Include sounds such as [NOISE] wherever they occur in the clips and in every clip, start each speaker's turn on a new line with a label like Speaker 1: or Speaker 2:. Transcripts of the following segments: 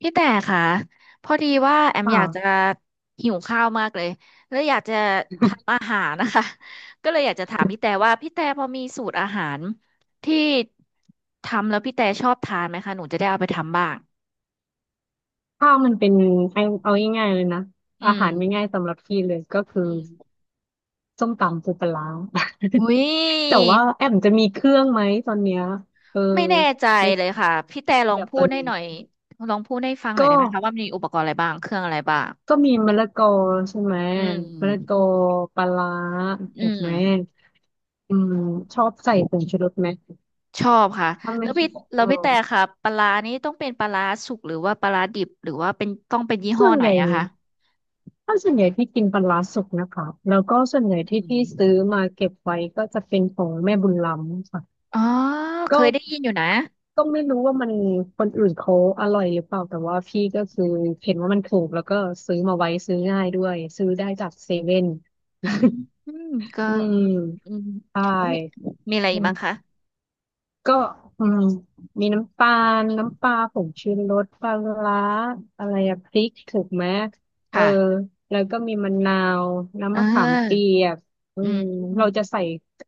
Speaker 1: พี่แต่ค่ะพอดีว่าแอมอยากจะ
Speaker 2: ค่ะ
Speaker 1: หิวข้าวมากเลยแล้วอยากจะทำอาหารนะคะ [LAUGHS] ก็เลยอยากจะถามพี่แต่ว่าพี่แต่พอมีสูตรอาหารที่ทำแล้วพี่แต่ชอบทานไหมคะหนูจะได้เอาไปทำบ้าง
Speaker 2: ข้าวมันเป็นเอาง่ายๆเลยนะ
Speaker 1: อื
Speaker 2: อา
Speaker 1: ม
Speaker 2: หารง่ายๆสำหรับพี่เลยก็คือ
Speaker 1: อืม
Speaker 2: ส้มตำปูปลาร้า [LAUGHS]
Speaker 1: อุ้ย
Speaker 2: แต่ว่าแอมจะมีเครื่องไหมตอนเนี้ยเออ
Speaker 1: ไม่แน่ใจ
Speaker 2: ใน
Speaker 1: เลยค่ะพี่แต่ลอ
Speaker 2: แบ
Speaker 1: ง
Speaker 2: บ
Speaker 1: พู
Speaker 2: ตอ
Speaker 1: ด
Speaker 2: น
Speaker 1: ให้
Speaker 2: นี้
Speaker 1: หน่อยลองพูดให้ฟังหน่อย
Speaker 2: ก็
Speaker 1: ได้ไหมคะว่ามีอุปกรณ์อะไรบ้างเครื่องอะไรบ้าง
Speaker 2: ก็มีมะละกอใช่ไหม
Speaker 1: อืม
Speaker 2: มะละกอปลาร้า
Speaker 1: อื
Speaker 2: ถูก
Speaker 1: ม
Speaker 2: ไหมอืมชอบใส่ผงชูรสไหม
Speaker 1: ชอบค่ะ
Speaker 2: ถ้า
Speaker 1: แล้
Speaker 2: ไม่
Speaker 1: ว
Speaker 2: ช
Speaker 1: พี่
Speaker 2: อบ
Speaker 1: แล้วพี่แต่ค่ะปลาร้านี้ต้องเป็นปลาร้าสุกหรือว่าปลาร้าดิบหรือว่าเป็นต้องเป็นยี่ห้
Speaker 2: ส่
Speaker 1: อ
Speaker 2: วน
Speaker 1: ไหน
Speaker 2: ใหญ่
Speaker 1: อะคะ
Speaker 2: ถ้าส่วนใหญ่พี่กินปลาร้าสุกนะคะแล้วก็ส่วนใหญ่
Speaker 1: อื
Speaker 2: ที่
Speaker 1: ม
Speaker 2: พี่ซื้อมาเก็บไว้ก็จะเป็นของแม่บุญล้ำค่ะ
Speaker 1: อ๋อเค
Speaker 2: ก็
Speaker 1: ยได้ยินอยู่นะ
Speaker 2: ก็ไม่รู้ว่ามันคนอื่นเขาอร่อยหรือเปล่าแต่ว่าพี่ก็คือเห็นว่ามันถูกแล้วก็ซื้อมาไว้ซื้อง่ายด้วยซื้อได้จากเซเว่น
Speaker 1: อืมอืมก็
Speaker 2: อื
Speaker 1: อื
Speaker 2: ม
Speaker 1: มอืม
Speaker 2: ใช่
Speaker 1: แล้วมีมีอะไรอีกบ้างคะ
Speaker 2: ก็อืมมีน้ำตาลน้ำปลาผงชูรสปลาร้าอะไรอะพริกถูกไหมเออ
Speaker 1: ค่ะ
Speaker 2: แล้วก็มีมะนาวน้ำ
Speaker 1: อ่
Speaker 2: มะขามเปี
Speaker 1: า
Speaker 2: ยกอื
Speaker 1: อืม
Speaker 2: ม
Speaker 1: อื
Speaker 2: เราจะ
Speaker 1: ม
Speaker 2: ใส่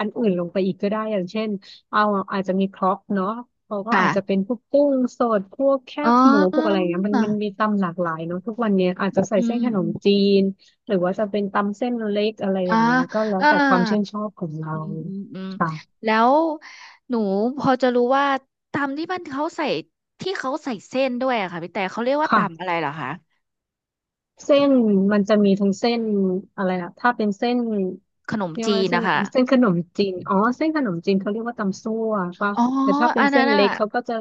Speaker 2: อันอื่นลงไปอีกก็ได้อย่างเช่นเอาอาจจะมีครกเนาะเราก็อาจจะ
Speaker 1: ค่ะ
Speaker 2: เป็นพวกกุ้งสดพวกแค
Speaker 1: อ๋อ
Speaker 2: บหมูพวกอะไรเงี้ยมันมีตำหลากหลายเนาะทุกวันเนี้ยอาจ
Speaker 1: อื
Speaker 2: จะ
Speaker 1: ม
Speaker 2: ใส่
Speaker 1: อื
Speaker 2: เส้
Speaker 1: ม
Speaker 2: นขน
Speaker 1: อื
Speaker 2: ม
Speaker 1: ม
Speaker 2: จีนหรือว่าจะเป็นตำเส้นเล็กอะไรอ
Speaker 1: อ๋อ
Speaker 2: ย่างเงี้ยก็แล้
Speaker 1: เอ
Speaker 2: ว
Speaker 1: อ
Speaker 2: แต่ความชื่นชอบของเรา
Speaker 1: อืมอืมอืม
Speaker 2: ค่ะ
Speaker 1: แล้วหนูพอจะรู้ว่าตำที่มันเขาใส่ที่เขาใส่เส้นด้วยอะค่ะพี่แต่เขาเรียกว่าตำ
Speaker 2: ค่ะ
Speaker 1: อะไรเหรอคะ
Speaker 2: เส้นมันจะมีทั้งเส้นอะไรนะถ้าเป็นเส้น
Speaker 1: ขนม
Speaker 2: เรียก
Speaker 1: จี
Speaker 2: ว่า
Speaker 1: น
Speaker 2: เส้น
Speaker 1: นะคะ
Speaker 2: เส้นขนมจีนอ๋อเส้นขนมจีนเขาเรียกว่าตำซั่วป่ะ
Speaker 1: อ๋อ
Speaker 2: แต่ถ้าเป็
Speaker 1: อั
Speaker 2: น
Speaker 1: น
Speaker 2: เส้
Speaker 1: นั้น
Speaker 2: น
Speaker 1: อ่ะ
Speaker 2: เล็กเขาก็จะ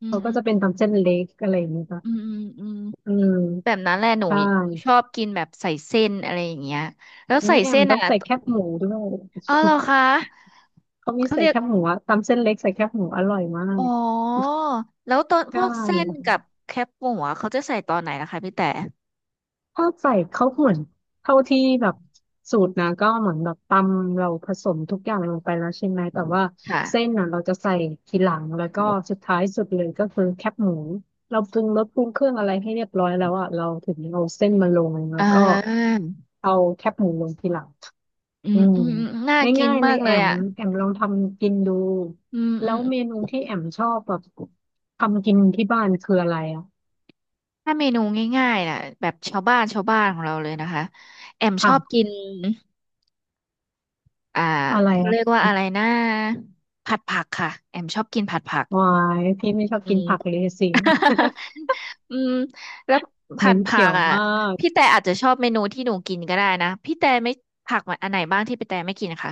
Speaker 1: อืม
Speaker 2: เขาก็
Speaker 1: อืม
Speaker 2: จะเป็นตำเส้นเล็กอะไรอย่างเงี้ยป่ะ
Speaker 1: อืมอืมอืม
Speaker 2: อืม
Speaker 1: แบบนั้นแหละหนู
Speaker 2: ใช่
Speaker 1: ชอบกินแบบใส่เส้นอะไรอย่างเงี้ยแล้ว
Speaker 2: อุ้
Speaker 1: ใส่
Speaker 2: ยแอม
Speaker 1: เส้น
Speaker 2: ต้อ
Speaker 1: อ่ะ
Speaker 2: งใส่แคบหมูด้วย
Speaker 1: อ๋อเหรอคะ
Speaker 2: เขามี
Speaker 1: เขา
Speaker 2: ใส่
Speaker 1: เรียก
Speaker 2: แคบหมูอะตำเส้นเล็กใส่แคบหมูอร่อยมา
Speaker 1: อ๋
Speaker 2: ก
Speaker 1: อแล้วตอนพ
Speaker 2: ใช่
Speaker 1: วกเส้นกับแคบหมูอะเขาจะใส่ตอนไหนนะคะพี่แต่
Speaker 2: ถ้าใส่เขาเหมือนเท่าที่แบบสูตรนะก็เหมือนแบบตำเราผสมทุกอย่างลงไปแล้วใช่ไหมแต่ว่า
Speaker 1: ค่ะ
Speaker 2: เส้นน่ะเราจะใส่ทีหลังแล้วก็สุดท้ายสุดเลยก็คือแคบหมูเราปรุงรสปรุงเครื่องอะไรให้เรียบร้อยแล้วอ่ะเราถึงเอาเส้นมาลงแล้ว
Speaker 1: อ่า
Speaker 2: ก็เอาแคบหมูลงทีหลัง
Speaker 1: อื
Speaker 2: อื
Speaker 1: ม
Speaker 2: ม
Speaker 1: อืมอืมน่ากิน
Speaker 2: ง่ายๆเล
Speaker 1: มา
Speaker 2: ย
Speaker 1: กเล
Speaker 2: แอ
Speaker 1: ย
Speaker 2: ม
Speaker 1: อ่ะ
Speaker 2: แอมลองทำกินดู
Speaker 1: อืม
Speaker 2: แล้
Speaker 1: อื
Speaker 2: ว
Speaker 1: ม
Speaker 2: เมนูที่แอมชอบแบบทำกินที่บ้านคืออะไรอ่ะ
Speaker 1: ถ้าเมนูง่ายๆน่ะแบบชาวบ้านชาวบ้านของเราเลยนะคะแอมชอบกิ
Speaker 2: ค่ะ
Speaker 1: นอ่า
Speaker 2: อะไร
Speaker 1: เขาเรียก
Speaker 2: อะ
Speaker 1: ว่าอะไรนะผัดผักค่ะแอมชอบกินผัดผัก
Speaker 2: วายพี่ไม่ชอบ
Speaker 1: อื
Speaker 2: กิน
Speaker 1: ม
Speaker 2: ผักเลยสิ
Speaker 1: [LAUGHS] อืมแล้ว
Speaker 2: เห
Speaker 1: ผั
Speaker 2: ม็
Speaker 1: ด
Speaker 2: น
Speaker 1: ผั
Speaker 2: เขีย
Speaker 1: ก
Speaker 2: ว
Speaker 1: อ่ะ
Speaker 2: มาก
Speaker 1: พี่แต่อาจจะชอบเมนูที่หนูกินก็ได้นะพี่แต่ไม่ผักมันอันไหนบ้างที่พี่แต่ไม่กินคะ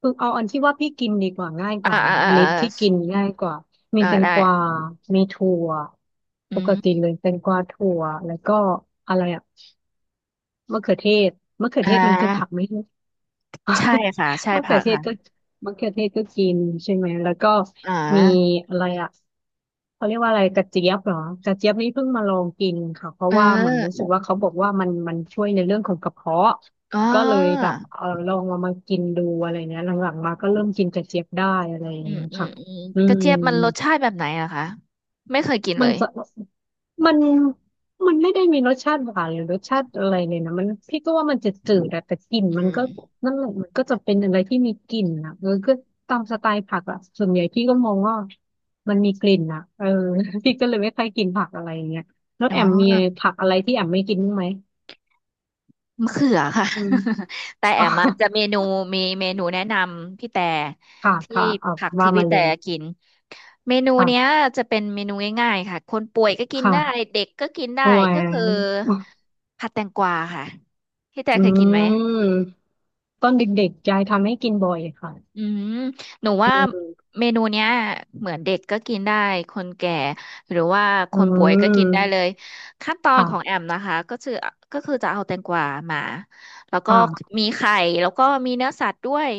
Speaker 2: คือเอาอันที่ว่าพี่กินดีกว่าง่ายก
Speaker 1: อ่า
Speaker 2: ว่า
Speaker 1: อ่า
Speaker 2: นะ
Speaker 1: อ่าอ
Speaker 2: ลิตที่กิน
Speaker 1: ่า
Speaker 2: ง่ายกว่ามี
Speaker 1: อ่า
Speaker 2: แตง
Speaker 1: ได้
Speaker 2: กวามีถั่ว
Speaker 1: อื
Speaker 2: ปก
Speaker 1: ม
Speaker 2: ติเลยแตงกวาถั่วแล้วก็อะไรอะมะเขือเทศมะเขือ
Speaker 1: อ่
Speaker 2: เทศมันคือผักไห
Speaker 1: า
Speaker 2: มรู้
Speaker 1: ใช่ค่ะใช่
Speaker 2: [LAUGHS] มะเขื
Speaker 1: ผั
Speaker 2: อ
Speaker 1: ก
Speaker 2: เทศ
Speaker 1: ค่ะ
Speaker 2: ก็มะเขือเทศก็กินใช่ไหมแล้วก็
Speaker 1: อ่
Speaker 2: มี
Speaker 1: า
Speaker 2: อะไรอะ เขาเรียกว่าอะไรกระเจี๊ยบเหรอกระเจี๊ยบนี่เพิ่งมาลองกินค่ะเพ
Speaker 1: เอ
Speaker 2: ราะว่าเหมือนรู้สึก
Speaker 1: อ
Speaker 2: ว่าเขาบอกว่ามันช่วยในเรื่องของกระเพาะ
Speaker 1: อ๋อ
Speaker 2: ก็เลยแบบเออลองเอามากินดูอะไรเงี้ยหลังๆมาก็เริ่มกินกระเจี๊ยบได้อะไรอย่าง
Speaker 1: อืม
Speaker 2: เงี้ย
Speaker 1: อืม
Speaker 2: ค่ะ
Speaker 1: อืม
Speaker 2: อื
Speaker 1: กระ
Speaker 2: ม
Speaker 1: เจี๊ยบมันรสชาติแบบไหนอะคะไม่เคยกินเล
Speaker 2: มัน
Speaker 1: ย
Speaker 2: จะมันมันไม่ได้มีรสชาติหวานหรือรสชาติอะไรเลยนะมันพี่ก็ว่ามันจะจืดๆอะแต่กลิ่น
Speaker 1: อื
Speaker 2: มันก็
Speaker 1: ม
Speaker 2: นั่นแหละมันก็จะเป็นอะไรที่มีกลิ่นอะก็ตามสไตล์ผักอะส่วนใหญ่พี่ก็มองว่ามันมีกลิ่นอะ [LAUGHS] พี่ก็เลยไม่ค่อยกินผักอะไรอย่างเงี้ยแล้ว
Speaker 1: อ๋
Speaker 2: แอมมี
Speaker 1: อ
Speaker 2: ผักอะไรที่แอมไม่กินบ้างไหม
Speaker 1: มะเขือค่ะ
Speaker 2: อืม
Speaker 1: [LAUGHS] แต่แอ
Speaker 2: อ๋อ
Speaker 1: มะจะเมนูมีเมนูแนะนำพี่แต่
Speaker 2: ค่ะ
Speaker 1: ที่
Speaker 2: ค่ะเอา
Speaker 1: ผัก
Speaker 2: ว่า
Speaker 1: ที่
Speaker 2: มา
Speaker 1: พี่
Speaker 2: เล
Speaker 1: แต่
Speaker 2: ย
Speaker 1: กินเมนูเนี้ย
Speaker 2: ค่ะ
Speaker 1: จะเป็นเมนูง่ายๆค่ะคนป่วยก็กินได้
Speaker 2: ค่ะ
Speaker 1: เด็กก็กินได้
Speaker 2: โอ้
Speaker 1: ก็
Speaker 2: ย
Speaker 1: คือผัดแตงกวาค่ะพี่แต่
Speaker 2: อื
Speaker 1: เคยกินไหม
Speaker 2: มตอนเด็กๆยายทำให้กินบ่อยค่ะ
Speaker 1: อืมหนูว่าเมนูเนี้ยเหมือนเด็กก็กินได้คนแก่หรือว่าค
Speaker 2: อื
Speaker 1: นป่วยก็กินได้เล
Speaker 2: ม
Speaker 1: ยขั้นตอนของแอ
Speaker 2: ค่ะ
Speaker 1: มนะคะก็คือก็คือจะเอาแตงกวามาแล้วก็
Speaker 2: ค่ะ
Speaker 1: มีไข่แล้วก็มีเนื้อสัตว์ด้วย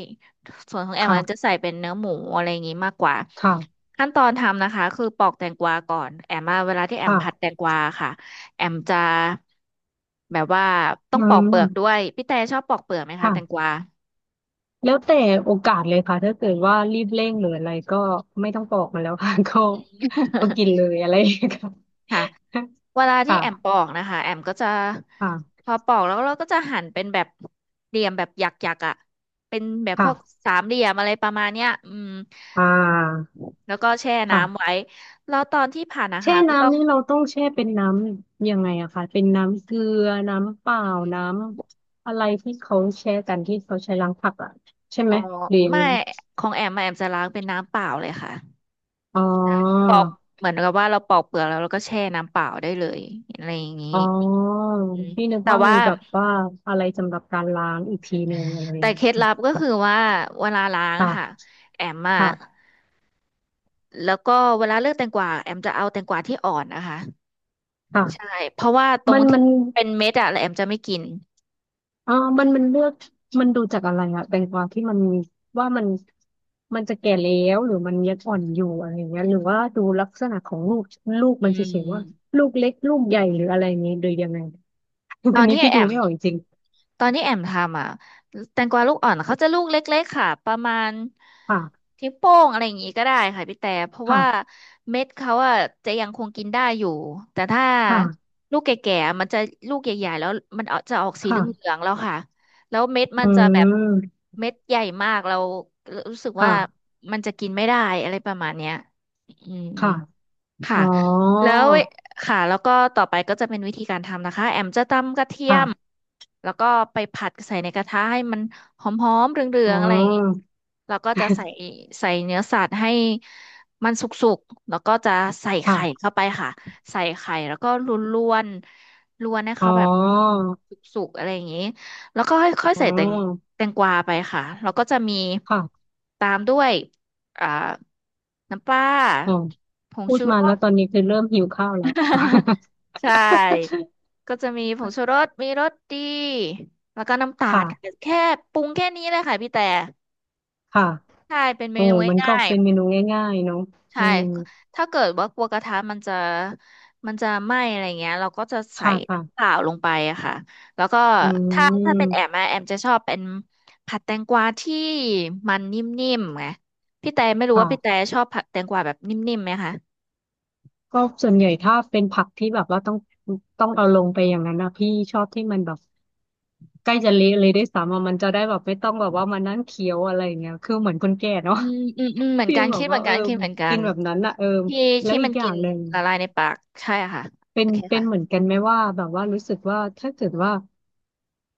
Speaker 1: ส่วนของแอมมันจะ
Speaker 2: ค่ะ
Speaker 1: ใส่เป็นเนื้อหมูอะไรอย่างงี้มากกว่า
Speaker 2: ค่ะ
Speaker 1: ขั้นตอนทำนะคะคือปอกแตงกวาก่อนแอมมาเวลาที่แอม
Speaker 2: ค่ะ
Speaker 1: ผัดแตงกวาค่ะแอมจะแบบว่าต้
Speaker 2: อื
Speaker 1: องปอกเปลือกด้ว
Speaker 2: ม
Speaker 1: ยพี่แต่ชอบปอกเปลือกไหมคะแตงก
Speaker 2: ค่ะ
Speaker 1: วา
Speaker 2: แล้วแต่โอกาสเลยค่ะถ้าเกิดว่ารีบเร่งหรืออะไรก็ไม่ต้องปอกมันแล้วค่ะ [LAUGHS] ก็กินเล
Speaker 1: [LAUGHS]
Speaker 2: ยอะไรอย่างเงี้ยค่ะ
Speaker 1: ค่ะ เวลา
Speaker 2: [LAUGHS]
Speaker 1: ที่
Speaker 2: ค่ะ
Speaker 1: แอมปอกนะคะแอมก็จะ
Speaker 2: ค่ะ
Speaker 1: พอปอกแล้วเราก็จะหั่นเป็นแบบเหลี่ยมแบบหยักๆอ่ะเป็นแบบพ
Speaker 2: ค่ะ
Speaker 1: วกสามเหลี่ยมอะไรประมาณเนี้ยอืม
Speaker 2: อ่า
Speaker 1: แล้วก็แช่
Speaker 2: ค่ะ
Speaker 1: น้ำไว้แล้วตอนที่ผ่านนะ
Speaker 2: แช่
Speaker 1: คะก็ต้อ
Speaker 2: น้ำ
Speaker 1: ง
Speaker 2: นี่เราต้องแช่เป็นน้ำยังไงอะคะเป็นน้ำเกลือน้ำเปล่า
Speaker 1: อืม
Speaker 2: น้ำอะไรที่เขาแช่กันที่เขาใช้ล้างผักอะใช่
Speaker 1: อ๋
Speaker 2: ไห
Speaker 1: อ
Speaker 2: มหรือยัง
Speaker 1: ไม่
Speaker 2: ไง
Speaker 1: ของแอมอะแอมจะล้างเป็นน้ำเปล่าเลยค่ะ
Speaker 2: อ๋อ
Speaker 1: ปอกเหมือนกับว่าเราปอกเปลือกแล้วเราก็แช่น้ำเปล่าได้เลยอะไรอย่างนี้
Speaker 2: อ๋อ
Speaker 1: อืม
Speaker 2: พี่นึก
Speaker 1: แต่
Speaker 2: ว่ามี
Speaker 1: ว่า
Speaker 2: แบบว่าอะไรสำหรับการล้างอีกทีหนึ่งอะไรอ
Speaker 1: แต่
Speaker 2: ย่าง
Speaker 1: เค
Speaker 2: เงี้ย
Speaker 1: ล็ดลับก็คือว่าเวลาล้างอะค่ะ
Speaker 2: ค่ะ
Speaker 1: แอมอะ
Speaker 2: ค่ะ
Speaker 1: แล้วก็เวลาเลือกแตงกวาแอมจะเอาแตงกวาที่อ่อนนะคะ
Speaker 2: ค่ะค่
Speaker 1: ใช่
Speaker 2: ะ
Speaker 1: เพราะว่าตร
Speaker 2: มั
Speaker 1: ง
Speaker 2: นมั
Speaker 1: ที่
Speaker 2: น
Speaker 1: เป็นเม็ดอะแล้วแอมจะไม่กิน
Speaker 2: อ๋อมันเลือกมันดูจากอะไรอะแตงกวาที่มันว่ามันมันจะแก่แล้วหรือมันยังอ่อนอยู่อะไรอย่างเงี้ยหรือว่าดูลักษณะของลูก
Speaker 1: อื
Speaker 2: มันเฉยๆว่า
Speaker 1: ม
Speaker 2: ลูกเล็กลูกใหญ่หรืออะไรอย่างเงี้ยโดยยังไง [LAUGHS]
Speaker 1: ต
Speaker 2: อั
Speaker 1: อ
Speaker 2: น
Speaker 1: น
Speaker 2: นี้
Speaker 1: ที่
Speaker 2: พี่
Speaker 1: แอ
Speaker 2: ดู
Speaker 1: ม
Speaker 2: ไม่ออกจริง
Speaker 1: ตอนที่แอมทำอ่ะแตงกวาลูกอ่อนเขาจะลูกเล็กๆค่ะประมาณ
Speaker 2: ๆ
Speaker 1: นิ้วโป้งอะไรอย่างงี้ก็ได้ค่ะพี่แต่เพราะ
Speaker 2: ค่ะ
Speaker 1: ว่าเม็ดเขาอ่ะจะยังคงกินได้อยู่แต่ถ้า
Speaker 2: ค่ะ
Speaker 1: ลูกแก่ๆมันจะลูกใหญ่ๆแล้วมันเอาจะออกสีเหลือ
Speaker 2: ค่ะ
Speaker 1: งๆแล้วค่ะแล้วเม็ดมัน
Speaker 2: อื
Speaker 1: จะแบบ
Speaker 2: ม
Speaker 1: เม็ดใหญ่มากเรารู้สึก
Speaker 2: ค
Speaker 1: ว่า
Speaker 2: ่ะ
Speaker 1: มันจะกินไม่ได้อะไรประมาณเนี้ยอืม
Speaker 2: ค่ะ
Speaker 1: ค่ะ
Speaker 2: อ๋อ
Speaker 1: แล้วเวค่ะแล้วก็ต่อไปก็จะเป็นวิธีการทำนะคะแอมจะตำกระเทียม
Speaker 2: ค่ะ
Speaker 1: แล้วก็ไปผัดใส่ในกระทะให้มันหอมๆเหลือ
Speaker 2: อ๋
Speaker 1: งๆอะไรอย่างเงี้ย
Speaker 2: อ
Speaker 1: แล้วก็จะใส่ใส่เนื้อสัตว์ให้มันสุกๆแล้วก็จะใส่ไข่
Speaker 2: ค่ะ
Speaker 1: เข้าไปค่ะใส่ไข่แล้วก็ลวนๆลวนให้
Speaker 2: อ๋อ
Speaker 1: เขาแบบสุกๆอะไรอย่างงี้แล้วก็ค่อยๆ
Speaker 2: อ๋
Speaker 1: ใส่
Speaker 2: อ
Speaker 1: แตงกวาไปค่ะแล้วก็จะมี
Speaker 2: ค่ะ
Speaker 1: ตามด้วยอ่าน้ำปลา
Speaker 2: อ๋อ
Speaker 1: ผง
Speaker 2: พูด
Speaker 1: ชู
Speaker 2: มา
Speaker 1: ร
Speaker 2: แล้
Speaker 1: ส
Speaker 2: วตอนนี้คือเริ่มหิวข้าวแล้ว
Speaker 1: [LAUGHS] ใช่
Speaker 2: [LAUGHS]
Speaker 1: ก็จะมีผงชูรสมีรสดี แล้วก็น้ำตาล
Speaker 2: ค่ะ
Speaker 1: ค่ะแค่ปรุงแค่นี้เลยค่ะพี่แต่
Speaker 2: ค่ะ
Speaker 1: ใช่เป็นเม
Speaker 2: โอ้
Speaker 1: นู
Speaker 2: มันก็
Speaker 1: ง่าย
Speaker 2: เป็นเมนูง่ายๆเนาะ
Speaker 1: ๆ
Speaker 2: อื
Speaker 1: ใช่
Speaker 2: ม
Speaker 1: ถ้าเกิดว่ากลัวกระทะมันจะมันจะไหม้อะไรเงี้ยเราก็จะใส่
Speaker 2: ค่ะ
Speaker 1: น้ำเป
Speaker 2: ค่ะ
Speaker 1: ล่าลงไปอะค่ะ แล้วก็
Speaker 2: อื
Speaker 1: ถ้าเป็นแอม
Speaker 2: ม
Speaker 1: อะแอมจะชอบเป็นผัดแตงกวาที่มันนิ่มๆไงพี่แต่ไม่รู้ว่าพี่แต่
Speaker 2: ค่ะ
Speaker 1: ชอบผัดแตงกวาแบบนิ่มๆไหมคะ
Speaker 2: ก็ส่วนใหญ่ถ้าเป็นผักที่แบบว่าต้องเอาลงไปอย่างนั้นนะพี่ชอบที่มันแบบใกล้จะเละเลยด้วยซ้ำอะมันจะได้แบบไม่ต้องแบบว่ามานั่งเคี้ยวอะไรอย่างเงี้ยคือเหมือนคนแก่เนาะ
Speaker 1: อืมอืมอืมเหมื
Speaker 2: [LAUGHS]
Speaker 1: อน
Speaker 2: ฟิ
Speaker 1: กั
Speaker 2: ล
Speaker 1: น
Speaker 2: แบ
Speaker 1: คิ
Speaker 2: บ
Speaker 1: ดเห
Speaker 2: ว่า
Speaker 1: มือน
Speaker 2: เออ
Speaker 1: กันคิดเหมือนกั
Speaker 2: กิน
Speaker 1: น
Speaker 2: แบบนั้นอะเออ
Speaker 1: ที่
Speaker 2: แล้ว
Speaker 1: ที่
Speaker 2: อี
Speaker 1: มั
Speaker 2: ก
Speaker 1: น
Speaker 2: อ
Speaker 1: กิ
Speaker 2: ย่า
Speaker 1: น
Speaker 2: งหนึ่ง
Speaker 1: ละลายในปากใช่ค่ะ
Speaker 2: เป็
Speaker 1: โอ
Speaker 2: น
Speaker 1: เค
Speaker 2: เป็น
Speaker 1: ค่ะ
Speaker 2: เหมือนกันไหมว่าแบบว่ารู้สึกว่าถ้าเกิดว่า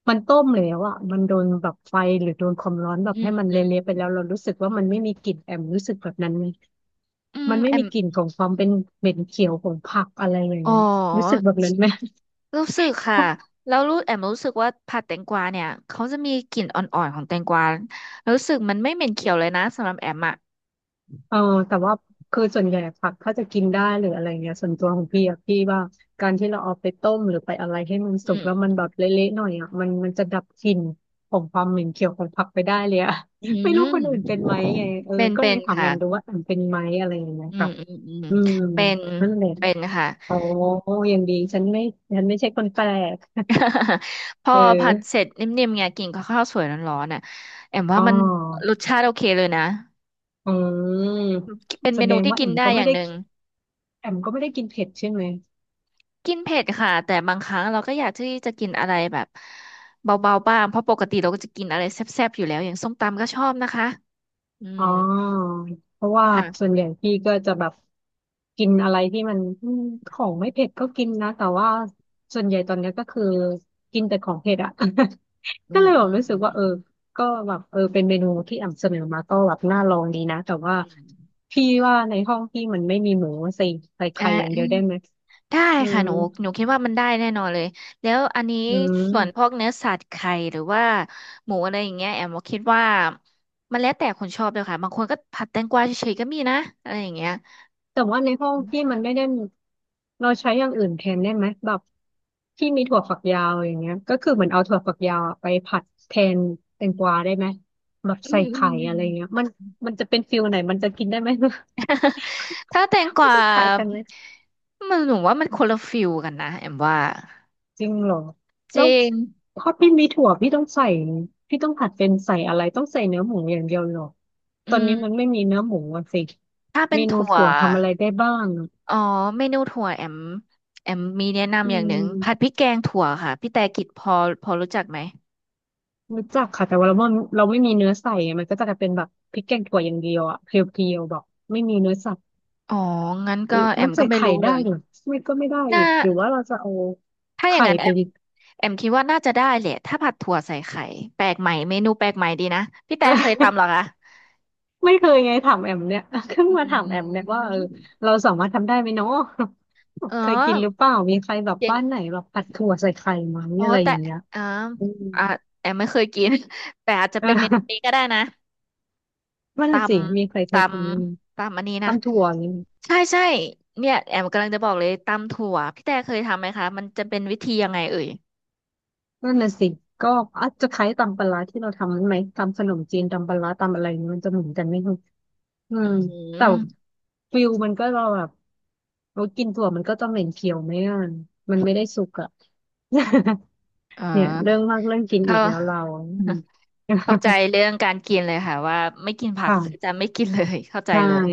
Speaker 2: มันต้มแล้วอ่ะมันโดนแบบไฟหรือโดนความร้อนแบบ
Speaker 1: อื
Speaker 2: ให้
Speaker 1: ม
Speaker 2: มัน
Speaker 1: อืม
Speaker 2: เละๆไปแล้วเรารู้สึกว่ามันไม่มีกลิ่นแอมรู้สึกแบบนั้นไหม
Speaker 1: อืม
Speaker 2: มันไม่
Speaker 1: แอ
Speaker 2: มี
Speaker 1: ม
Speaker 2: กลิ่นของความเป็นเหม็นเขียวของผักอะไรอย่าง
Speaker 1: อ๋อ
Speaker 2: เงี้ยรู้สึกแบบนั้นไหม
Speaker 1: รู้สึกค่ะแล้วรู้แอมรู้สึกว่าผัดแตงกวาเนี่ยเขาจะมีกลิ่นอ่อนๆของแตงกวารู้สึกมันไม่เหม็นเขียวเลยนะสำหรับแอมอ่ะ
Speaker 2: เออแต่ว่าคือส่วนใหญ่ผักถ้าจะกินได้หรืออะไรเงี้ยส่วนตัวของพี่อะพี่ว่าการที่เราเอาไปต้มหรือไปอะไรให้มัน
Speaker 1: อื
Speaker 2: สุกแล้ว
Speaker 1: ม
Speaker 2: มันแบบเละๆหน่อยอะมันจะดับกลิ่นของความเหม็นเขียวของผักไปได้เลยอะ
Speaker 1: อื
Speaker 2: [LAUGHS] ไม่รู้คนอื่นเป็น
Speaker 1: ม
Speaker 2: ไหมไงเออ
Speaker 1: เป็น
Speaker 2: ก็
Speaker 1: เป็
Speaker 2: เลย
Speaker 1: น
Speaker 2: ถามแอ
Speaker 1: ค่ะ
Speaker 2: มดูว่าแอมเป็นไหมอะไรอย่างเงี้ย
Speaker 1: อืม
Speaker 2: ค่ะ
Speaker 1: อืมอืม
Speaker 2: อืม
Speaker 1: เป็น
Speaker 2: นั่นแหละ
Speaker 1: เป็นค่ะ
Speaker 2: อ๋อยังดีฉันไม่ฉันไม่ใช่คนแปลก
Speaker 1: [LAUGHS] พอ
Speaker 2: เ
Speaker 1: ผัดเส
Speaker 2: ออ
Speaker 1: ร็จนิ่มๆไงกินกับข้าวสวยร้อนๆน่ะแอมว่า
Speaker 2: อ๋อ
Speaker 1: มันรสชาติโอเคเลยนะ
Speaker 2: อืม
Speaker 1: เป็น
Speaker 2: แส
Speaker 1: เม
Speaker 2: ด
Speaker 1: นู
Speaker 2: ง
Speaker 1: ที่
Speaker 2: ว่าแอ
Speaker 1: กิน
Speaker 2: ม
Speaker 1: ได้
Speaker 2: ก็
Speaker 1: อ
Speaker 2: ไม่
Speaker 1: ย่าง
Speaker 2: ได้
Speaker 1: หนึ่ง
Speaker 2: แอมก็ไม่ได้กินเผ็ดใช่ไหม
Speaker 1: กินเผ็ดค่ะแต่บางครั้งเราก็อยากที่จะกินอะไรแบบเบาๆบ้างเพราะปกติเราก็จะกินอะไรแซ่บๆอยู่แล้วอย่างส้มตำก็ชอบนะคะอื
Speaker 2: อ๋
Speaker 1: ม
Speaker 2: อเพราะว่าส่วน
Speaker 1: ค่ะ
Speaker 2: ใหญ่พี่ก็จะแบบกินอะไรที่มันอืมของไม่เผ็ดก็กินนะแต่ว่าส่วนใหญ่ตอนเนี้ยก็คือกินแต่ของเผ็ดอะ [LAUGHS]
Speaker 1: อื
Speaker 2: ก็เล
Speaker 1: ม
Speaker 2: ยแบ
Speaker 1: อื
Speaker 2: บ
Speaker 1: ม
Speaker 2: รู้สึ
Speaker 1: อื
Speaker 2: ก
Speaker 1: ม
Speaker 2: ว่าเออก็แบบเออเป็นเมนูที่อ่ำเสนอมาก็แบบน่าลองดีนะแต่ว่า
Speaker 1: อืม
Speaker 2: พี่ว่าในห้องพี่มันไม่มีหมูใส่ใส่
Speaker 1: อ่า
Speaker 2: ไข่อย่าง
Speaker 1: อื
Speaker 2: เดียว
Speaker 1: ม
Speaker 2: ได้ไหม
Speaker 1: ได้
Speaker 2: อื
Speaker 1: ค่ะ
Speaker 2: ม
Speaker 1: หนูหนูคิดว่ามันได้แน่นอนเลยแล้วอันนี้
Speaker 2: อื
Speaker 1: ส่วนพว
Speaker 2: ม
Speaker 1: กเนื้อสัตว์ไข่หรือว่าหมูอะไรอย่างเงี้ยแอมก็คิดว่ามันแล้วแต่คนชอบเลยค่ะบางคนก็ผัดแตงกวาเฉยๆก็มีนะอะไรอย่างเงี้ย
Speaker 2: แต่ว่าในห้องพี่มันไม่ได้เราใช้อย่างอื่นแทนได้ไหมแบบที่มีถั่วฝักยาวอย่างเงี้ยก็คือเหมือนเอาถั่วฝักยาวอะไปผัดแทนแตงกวาได้ไหมแบบ
Speaker 1: อื
Speaker 2: ใส่
Speaker 1: ม
Speaker 2: ไข่อะไรเงี้ยมันจะเป็นฟิลไหนมันจะกินได้ไหม [LAUGHS]
Speaker 1: [LAUGHS] ถ้าแตงก
Speaker 2: มัน
Speaker 1: วา
Speaker 2: จะขายกันไหม
Speaker 1: มันหนูว่ามันคนละฟิลกันนะแอมว่า
Speaker 2: จริงเหรอ
Speaker 1: จ
Speaker 2: แล้ว
Speaker 1: ริง
Speaker 2: พอพี่มีถั่วพี่ต้องใส่พี่ต้องผัดเป็นใส่อะไรต้องใส่เนื้อหมูอย่างเดียวเหรอ
Speaker 1: อื
Speaker 2: ตอนนี้มัน
Speaker 1: ม
Speaker 2: ไม่มีเนื้อหมูอะสิ
Speaker 1: ถ้าเป็
Speaker 2: เม
Speaker 1: น
Speaker 2: นู
Speaker 1: ถั่ว
Speaker 2: ถั่วทำอะไรได้บ้างอะ
Speaker 1: อ๋อเมนูถั่วแอมแอมมีแนะ
Speaker 2: อื
Speaker 1: นำอย่างหนึ่งผัดพ
Speaker 2: ม
Speaker 1: ริกแกงถั่วค่ะพี่แต่กิจพอพอรู้จักไหม
Speaker 2: รู้จักค่ะแต่ว่าเราไม่มีเนื้อใส่ไงมันก็จะกลายเป็นแบบพริกแกงถั่วอย่างเดียวอะเพียวๆแบบไม่มีเนื้อสัตว์
Speaker 1: อ๋องั้นก็แอ
Speaker 2: มัน
Speaker 1: มก็
Speaker 2: ใส่
Speaker 1: ไม่
Speaker 2: ไข่
Speaker 1: รู้เล
Speaker 2: ได้
Speaker 1: ย
Speaker 2: เหรือไม่ก็ไม่ได้
Speaker 1: น่า
Speaker 2: อีกหรือว่าเราจะเอา
Speaker 1: ถ้าอย่าง
Speaker 2: ไข่
Speaker 1: นั้นแอ
Speaker 2: ไป
Speaker 1: ม
Speaker 2: ดิ
Speaker 1: แอมคิดว่าน่าจะได้แหละถ้าผัดถั่วใส่ไข่แปลกใหม่เมนูแปลกใหม่ดีนะพี่แต่เคยทำเหรอคะ
Speaker 2: [LAUGHS] ไม่เคยไงถามแอมเนี่ย [LAUGHS] เพิ่ง
Speaker 1: อื
Speaker 2: มาถามแอมเนี่ยว่าเออ
Speaker 1: ม
Speaker 2: เราสามารถทำได้ไหมเนาะ
Speaker 1: เออ
Speaker 2: [LAUGHS] เคยกินหรือเปล่ามีใครแบบ
Speaker 1: อย่าง
Speaker 2: บ้านไหนแบบผัดถั่วใส่ไข่ไหม
Speaker 1: อ๋อ
Speaker 2: อะไรอ
Speaker 1: แต่
Speaker 2: ย่างเงี้ย
Speaker 1: อ่า
Speaker 2: อืม
Speaker 1: อ่า
Speaker 2: [LAUGHS]
Speaker 1: แอมไม่เคยกิน [LAUGHS] แต่อาจจะ
Speaker 2: เอ
Speaker 1: เป็นเมนูนี้
Speaker 2: อ
Speaker 1: ก็ได้นะ
Speaker 2: นั่นสิมีใคร
Speaker 1: ต
Speaker 2: เคยทำไหม
Speaker 1: ตำอันนี้นะ
Speaker 2: ตำถั่วอย่างเี้ย
Speaker 1: ใช่ใช่เนี่ยแอมกำลังจะบอกเลยตำถั่วพี่แต่เคยทำไหมคะมันจะเป็นวิธียังไงเอ่ย
Speaker 2: นั่นน่ะสิก็อาจจะคล้ายตำปลาร้าที่เราทำนั้นไหมตำขนมจีนตำปลาร้าตำอะไรนี่มันจะเหมือนกันไหมคุณอื
Speaker 1: อื
Speaker 2: มแต่
Speaker 1: ม
Speaker 2: ฟิลมันก็เราแบบเรากินถั่วมันก็จะเหม็นเขียวไหมอ่ะมันไม่ได้สุกอ่ะ
Speaker 1: เอ
Speaker 2: [LAUGHS] เนี่ยเรื่อง
Speaker 1: อ
Speaker 2: มากเรื่องกินอี
Speaker 1: เข้า
Speaker 2: กแล้วเราอืม
Speaker 1: [LAUGHS] เข้าใจ
Speaker 2: [LAUGHS]
Speaker 1: เรื่องการกินเลยค่ะว่าไม่กินผักคือจะ
Speaker 2: ค่ะ
Speaker 1: ไม่กินเลย [LAUGHS] เข้าใจ
Speaker 2: ใช่
Speaker 1: เลย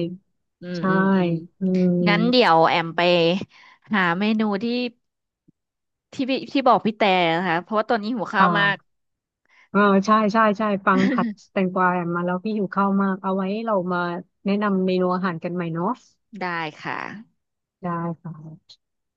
Speaker 1: อืม
Speaker 2: ใช่
Speaker 1: อืมอืม
Speaker 2: อื
Speaker 1: งั้นเดี๋ย
Speaker 2: ม
Speaker 1: วแอมไปหาเมนูที่ที่พี่ที่บอกพี่แต่นะคะเพราะว่าตอนนี้หิว
Speaker 2: ค
Speaker 1: ข้าวมาก
Speaker 2: ่ะเออใช่ใช่ใช่ฟังผัด
Speaker 1: [LAUGHS]
Speaker 2: แตงกวามาแล้วพี่หิวข้าวมากเอาไว้เรามาแนะนำเมนูอาหารกันใหม่เนาะ
Speaker 1: ได้ค่ะ
Speaker 2: ได้ค่ะ